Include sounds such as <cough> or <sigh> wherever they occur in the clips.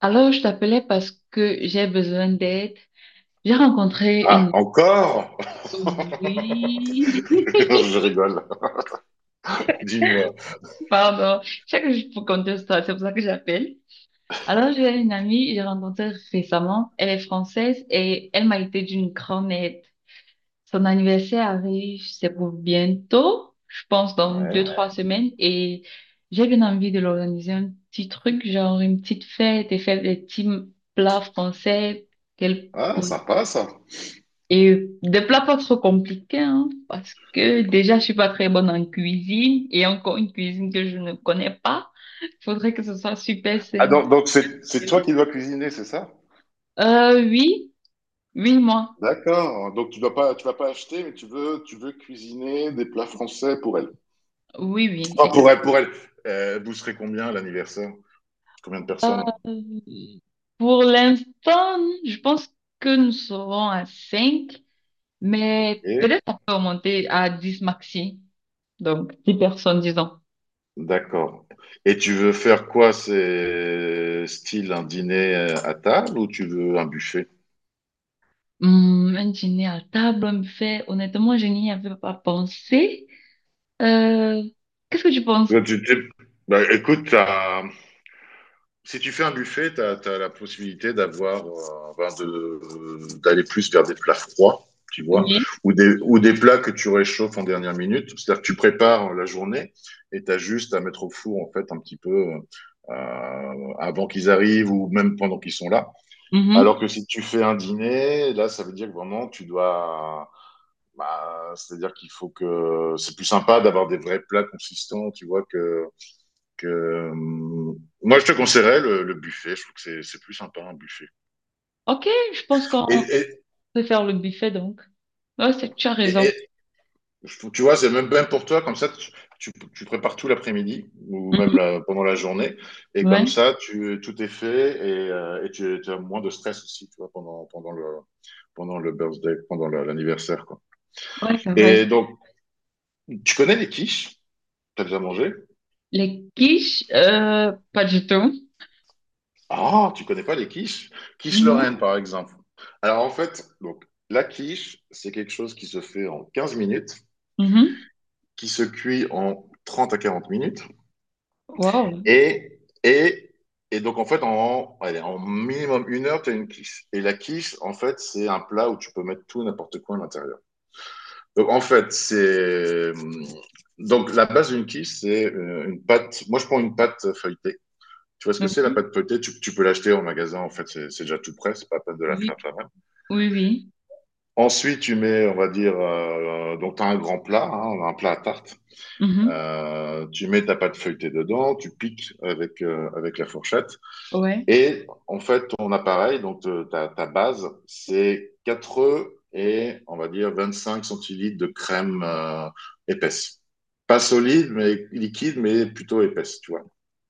Alors, je t'appelais parce que j'ai besoin d'aide. J'ai rencontré Ah, une... encore? Oui, <laughs> Je rigole. Dis-moi. <laughs> pardon. Je sais que je peux compter ça, c'est pour ça que j'appelle. Alors, j'ai une amie, j'ai rencontrée récemment. Elle est française et elle m'a été d'une grande aide. Son anniversaire arrive, c'est pour bientôt, je pense dans deux, Ouais. trois Ouais. semaines. Et j'ai bien envie de l'organiser un petit truc, genre une petite fête et faire des petits plats français qu'elle Ah, sympa ça. Et des plats pas trop compliqués, hein, parce que déjà, je suis pas très bonne en cuisine et encore une cuisine que je ne connais pas. Faudrait que ce soit super Ah, simple. donc c'est toi qui dois cuisiner, c'est ça? Oui, oui, moi. D'accord. Donc tu dois pas, tu vas pas acheter, mais tu veux cuisiner des plats français pour elle. Oui, oui, Ah, exact. pour elle, pour elle. Vous serez combien à l'anniversaire? Combien de Euh, personnes? pour l'instant, je pense que nous serons à 5 mais Et peut-être on peut remonter à 10 maxi. Donc, 10 personnes, disons. d'accord. Et tu veux faire quoi? C'est style un dîner à table ou tu veux un buffet? Un dîner à table, un buffet, honnêtement, je n'y avais pas pensé. Euh, qu'est-ce que tu penses? Euh, tu- tu- bah, écoute, si tu fais un buffet, tu as la possibilité d'avoir, ben, d'aller plus vers des plats froids, tu vois, Oui. ou ou des plats que tu réchauffes en dernière minute. C'est-à-dire que tu prépares la journée et tu as juste à mettre au four, en fait, un petit peu avant qu'ils arrivent ou même pendant qu'ils sont là. Alors Mhm. que si tu fais un dîner, là, ça veut dire que vraiment, tu dois. Bah, c'est-à-dire qu'il faut que. C'est plus sympa d'avoir des vrais plats consistants, tu vois, que euh, moi, je te conseillerais le buffet. Je trouve que c'est plus sympa un buffet. Ok, je pense Et, qu'on et, peut faire le buffet donc. Ouais, tu as et, raison. et tu vois, c'est même bien pour toi, comme ça, tu prépares tout l'après-midi ou même pendant la journée. Et Mhm. comme Ouais, ça, tu, tout est fait et tu as moins de stress aussi, tu vois, pendant le birthday, pendant l'anniversaire, quoi. ouais, c'est vrai, Et ça. donc, tu connais les quiches? T'as déjà mangé? Les quiches, pas du tout. Ah, tu connais pas les quiches? Quiche Lorraine, Non. par exemple. Alors, en fait, donc, la quiche, c'est quelque chose qui se fait en 15 minutes. Mhm. qui se cuit en 30 à 40 minutes. Wow. Et, et, et donc, en fait, en, allez, en minimum 1 heure, tu as une quiche. Et la quiche, en fait, c'est un plat où tu peux mettre tout, n'importe quoi à l'intérieur. Donc, en fait, c'est. Donc, la base d'une quiche, c'est une pâte. Moi, je prends une pâte feuilletée. Tu vois ce que c'est la Oui, pâte feuilletée? Tu peux l'acheter en magasin, en fait, c'est déjà tout prêt, c'est pas la peine de la oui, faire toi-même. oui, oui. Ensuite, tu mets, on va dire, donc tu as un grand plat, hein, un plat à tarte. Mhm. Tu mets ta pâte feuilletée dedans, tu piques avec, avec la fourchette. Ouais. Et en fait, ton appareil, donc ta base, c'est 4 œufs et on va dire 25 centilitres de crème épaisse. Pas solide, mais liquide, mais plutôt épaisse, tu vois.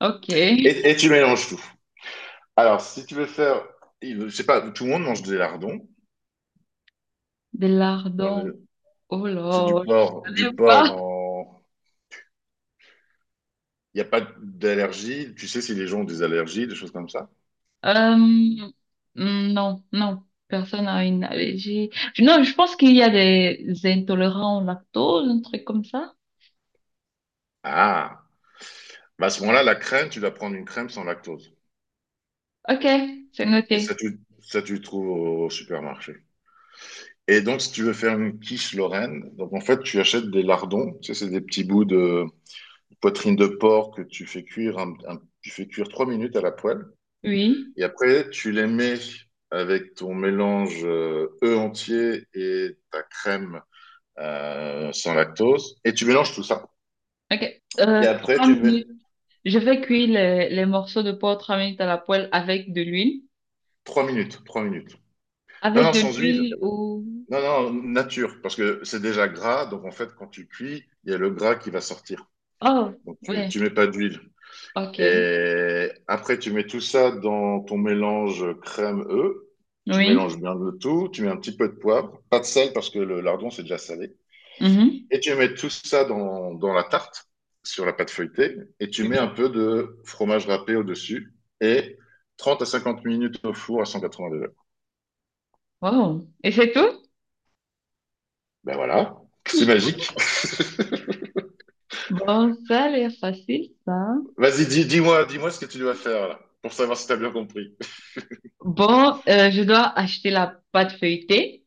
Ok. Et tu mélanges tout. Alors, si tu veux faire, je sais pas, tout le monde mange des lardons. Des Dans lardons. le- Oh c'est là, je ne du sais porc pas. dans. Il n'y a pas d'allergie. Tu sais si les gens ont des allergies, des choses comme ça. Euh, mm, non, non. Personne n'a une allergie. Non, je pense qu'il y a des intolérants au lactose, un truc comme ça. Ah. Bah, à ce moment-là, la crème, tu dois prendre une crème sans lactose. Ok, c'est Et noté. Ça, tu le trouves au supermarché. Et donc, si tu veux faire une quiche Lorraine, donc en fait, tu achètes des lardons. Tu sais, c'est des petits bouts de poitrine de porc que tu fais cuire, tu fais cuire 3 minutes à la poêle. Oui. Et après, tu les mets avec ton mélange œuf entier et ta crème sans lactose. Et tu mélanges tout ça. Ok. Et après, trois tu mets minutes. Je vais cuire les morceaux de porc 3 minutes à la poêle avec de l'huile. 3 minutes, 3 minutes. Non, Avec non, de sans huile. l'huile ou... Non, non, nature, parce que c'est déjà gras, donc en fait, quand tu cuis, il y a le gras qui va sortir. Oh, Donc ouais. tu mets pas d'huile. Ok. Et après, tu mets tout ça dans ton mélange crème-œuf. Tu Oui. mélanges bien le tout, tu mets un petit peu de poivre, pas de sel parce que le lardon c'est déjà salé. Mhm. Et tu mets tout ça dans la tarte, sur la pâte feuilletée, et tu mets un Oui. peu de fromage râpé au-dessus, et 30 à 50 minutes au four à 180 degrés. Wow. Et c'est tout? Ben voilà, c'est magique. <laughs> Bon, ça a l'air facile, ça. Vas-y, dis-moi ce que tu dois faire là, pour savoir si tu as bien compris. Bon, je dois acheter la pâte feuilletée.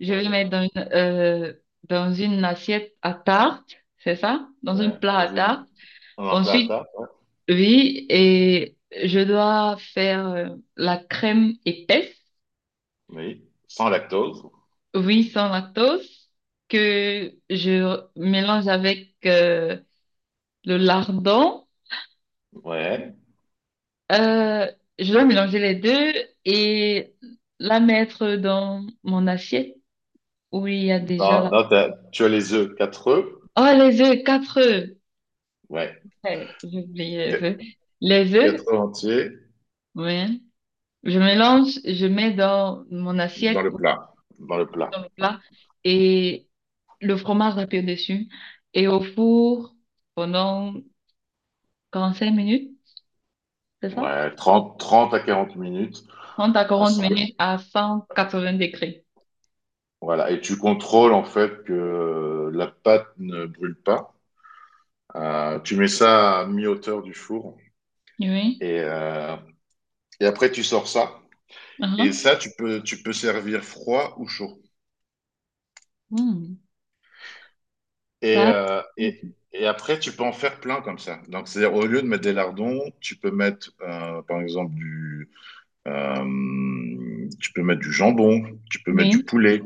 Je vais Ouais, mettre dans dans une assiette à tarte, c'est ça? Dans un ouais, plat dans à une, tarte. Dans un plat à Ensuite, tarte, ouais. oui, et je dois faire la crème épaisse, Oui, sans lactose. oui, sans lactose, que je mélange avec le lardon. Ouais. Euh, je dois mélanger les deux et la mettre dans mon assiette où il y a déjà Non, la... non, tu as les œufs, 4 œufs. Oh, les œufs, 4 œufs. Ouais. Ouais, j'ai oublié les Qu- œufs. Les œufs, 4 œufs entiers oui. Je mélange, je mets dans mon dans assiette le ou plat, dans le plat. dans le plat et le fromage râpé dessus et au four pendant 45 minutes, c'est ça? Ouais. Trente à 40 minutes. trente à à quarante ce que- minutes à 180 degrés. Voilà, et tu contrôles en fait que la pâte ne brûle pas. Tu mets ça à mi-hauteur du four Oui. et, euh, et après tu sors ça. Et Mhm. ça, tu peux servir froid ou chaud. Hmm. Et, Ça, euh, et, et après, tu peux en faire plein comme ça. Donc, c'est-à-dire, au lieu de mettre des lardons, tu peux mettre, par exemple, tu peux mettre du jambon, tu peux mettre du oui, poulet,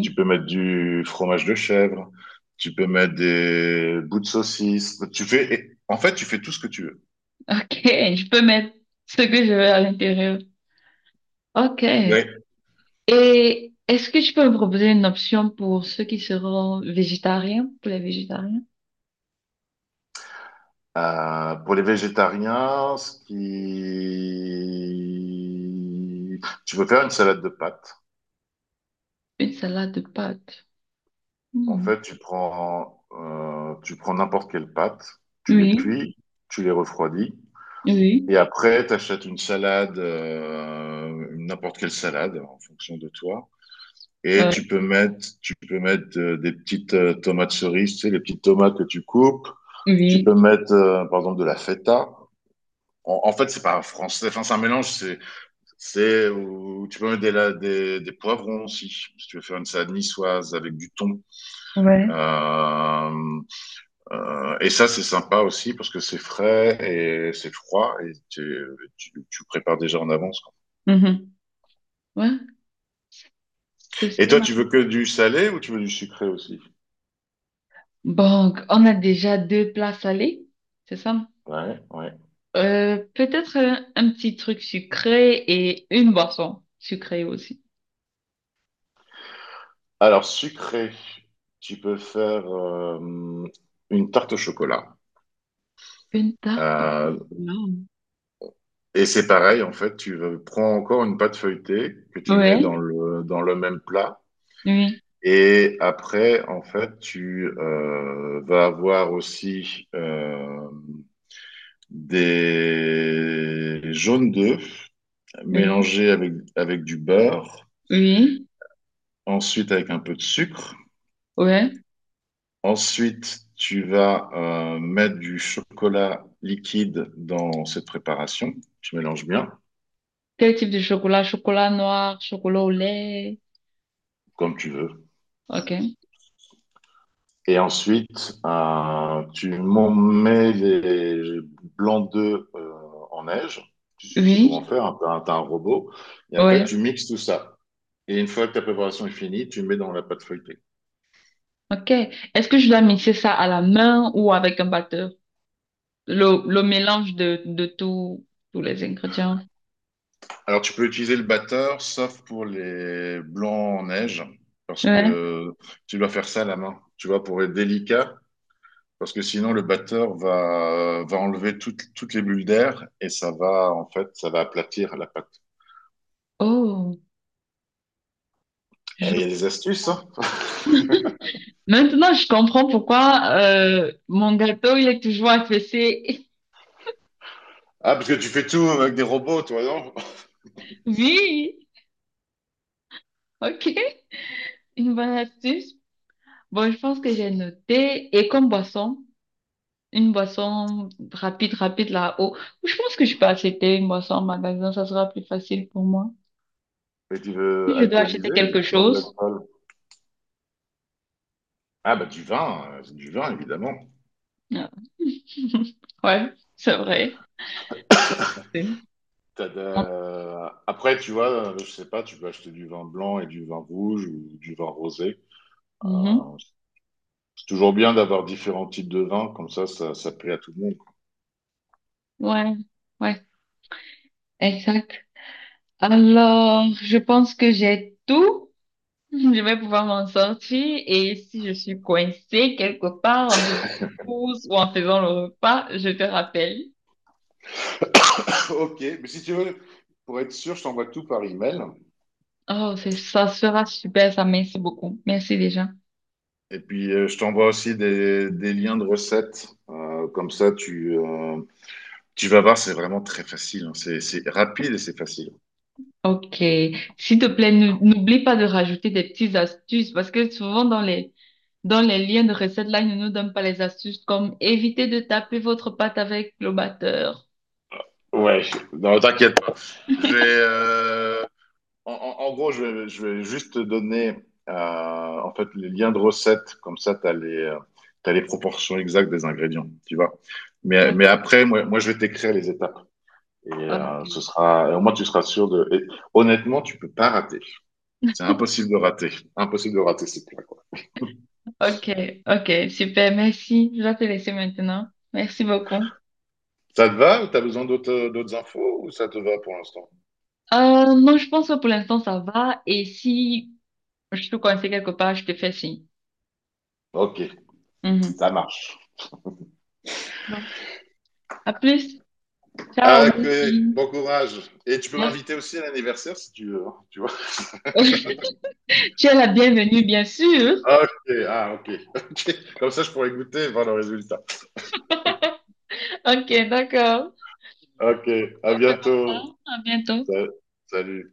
tu peux mettre du fromage de chèvre, tu peux mettre des bouts de saucisse. Tu fais, en fait, tu fais tout ce que tu veux. OK, je peux mettre ce que je veux à l'intérieur. OK. Oui. Et est-ce que tu peux me proposer une option pour ceux qui seront végétariens, pour les végétariens? Pour les végétariens, ce qui... tu peux faire une salade de pâtes. Une salade de pâtes. En Hmm. fait, tu prends n'importe quelle pâte, tu les Oui, cuis, tu les refroidis, et oui, après, tu achètes une salade, n'importe quelle salade en fonction de toi. Et ouais, tu peux mettre des petites tomates cerises, tu sais, les petites tomates que tu coupes. Tu peux oui, mettre, par exemple, de la feta. En fait, c'est pas français, enfin, c'est un mélange, c'est où tu peux mettre des poivrons aussi, si tu veux faire une salade niçoise avec du thon. ouais. Euh, et ça, c'est sympa aussi parce que c'est frais et c'est froid et tu prépares déjà en avance. Mhm. Ouais, Et Ceci, toi, ma- tu veux que du salé ou tu veux du sucré aussi? Bon, on a déjà deux plats salés, c'est ça? Ouais, ouais. Peut-être un petit truc sucré et une boisson sucrée aussi. Alors, sucré, tu peux faire une tarte au chocolat. Une tarte au Euh, chocolat. et c'est pareil, en fait, prends encore une pâte feuilletée que tu mets Ouais, dans le même plat. oui, Et après, en fait, tu vas avoir aussi des jaunes d'œufs oui, mélangés avec du beurre, oui, ensuite avec un peu de sucre. ouais. Ensuite, tu vas mettre du chocolat liquide dans cette préparation. Tu mélanges bien, Quel type de chocolat? Chocolat noir, chocolat au lait. comme tu veux. Ok. Et ensuite, tu m'en mets les blancs d'œufs en neige. Tu sais comment Oui, faire, hein, t'as un robot. Et après, ouais. tu mixes tout ça. Et une fois que ta préparation est finie, tu mets dans la pâte feuilletée. Ok. Est-ce que je dois mixer ça à la main ou avec un batteur? Le mélange de tout, tous les ingrédients. Alors, tu peux utiliser le batteur, sauf pour les blancs en neige, parce Ouais. que tu dois faire ça à la main, tu vois, pour être délicat, parce que sinon le batteur va enlever toutes les bulles d'air et ça va, en fait, ça va aplatir la pâte. Oh, je Et il y a des astuces, hein. Maintenant, je comprends pourquoi mon gâteau, il est toujours affaissé. <laughs> Ah, parce que tu fais tout avec des robots, toi, non? <laughs> Oui, ok, une bonne astuce. Bon, je pense que j'ai noté. Et comme boisson, une boisson rapide, rapide là-haut. Je pense que je peux acheter une boisson en magasin, ça sera plus facile pour moi. Mais tu veux Si je dois acheter alcooliser quelque ou tu veux de chose. l'alcool? Ah, bah, du vin, c'est du vin, évidemment. euh, <laughs> Ouais, c'est vrai. C'est- Après, tu vois, je sais pas, tu peux acheter du vin blanc et du vin rouge ou du vin rosé. Mhm. Euh, C'est toujours bien d'avoir différents types de vins, comme ça plaît à tout le monde. Ouais, ouais, exact. Alors, je pense que j'ai tout. Je vais pouvoir m'en sortir et si je suis coincée quelque part en faisant des courses ou en faisant le repas, je te rappelle. <laughs> Ok, mais si tu veux, pour être sûr, je t'envoie tout par email. Oh, ça sera super, ça, merci beaucoup. Merci déjà. Et puis, je t'envoie aussi des liens de recettes. Comme ça, tu vas voir, c'est vraiment très facile, hein. C'est rapide et c'est facile. Ok. S'il te plaît, n'oublie pas de rajouter des petites astuces parce que souvent dans dans les liens de recettes là, ils ne nous donnent pas les astuces comme éviter de taper votre pâte avec le batteur. Ouais, non, t'inquiète pas. J'ai euh, en gros, je vais juste te donner en fait les liens de recettes, comme ça tu as les, t'as les proportions exactes des ingrédients, tu vois. Mais après, moi, je vais t'écrire les étapes. Et Ok, ce sera, et au moins tu seras sûr de. Et honnêtement, tu peux pas rater. C'est impossible de rater. Impossible de rater ces plats, quoi. ok, ok, super, merci. Je dois te laisser maintenant. Merci beaucoup. Ça te va ou t'as besoin d'autres infos ou ça te va pour l'instant? Non, je pense que pour l'instant, ça va. Et si je te conseille quelque part, je te fais signe. Ok, Mhm. ça marche. Bon. À plus. Ciao, Ah, mon ok, fils. bon courage. Et tu peux m'inviter Merci. aussi à l'anniversaire si tu veux, hein, tu vois. <laughs> Tu es la bienvenue, bien sûr. Ah, ok, ah, ok. <laughs> Ok. Comme ça, je pourrais goûter et voir le résultat. Ok, d'accord. Ok, à On fait comme bientôt. ça. À bientôt. Sa- Salut.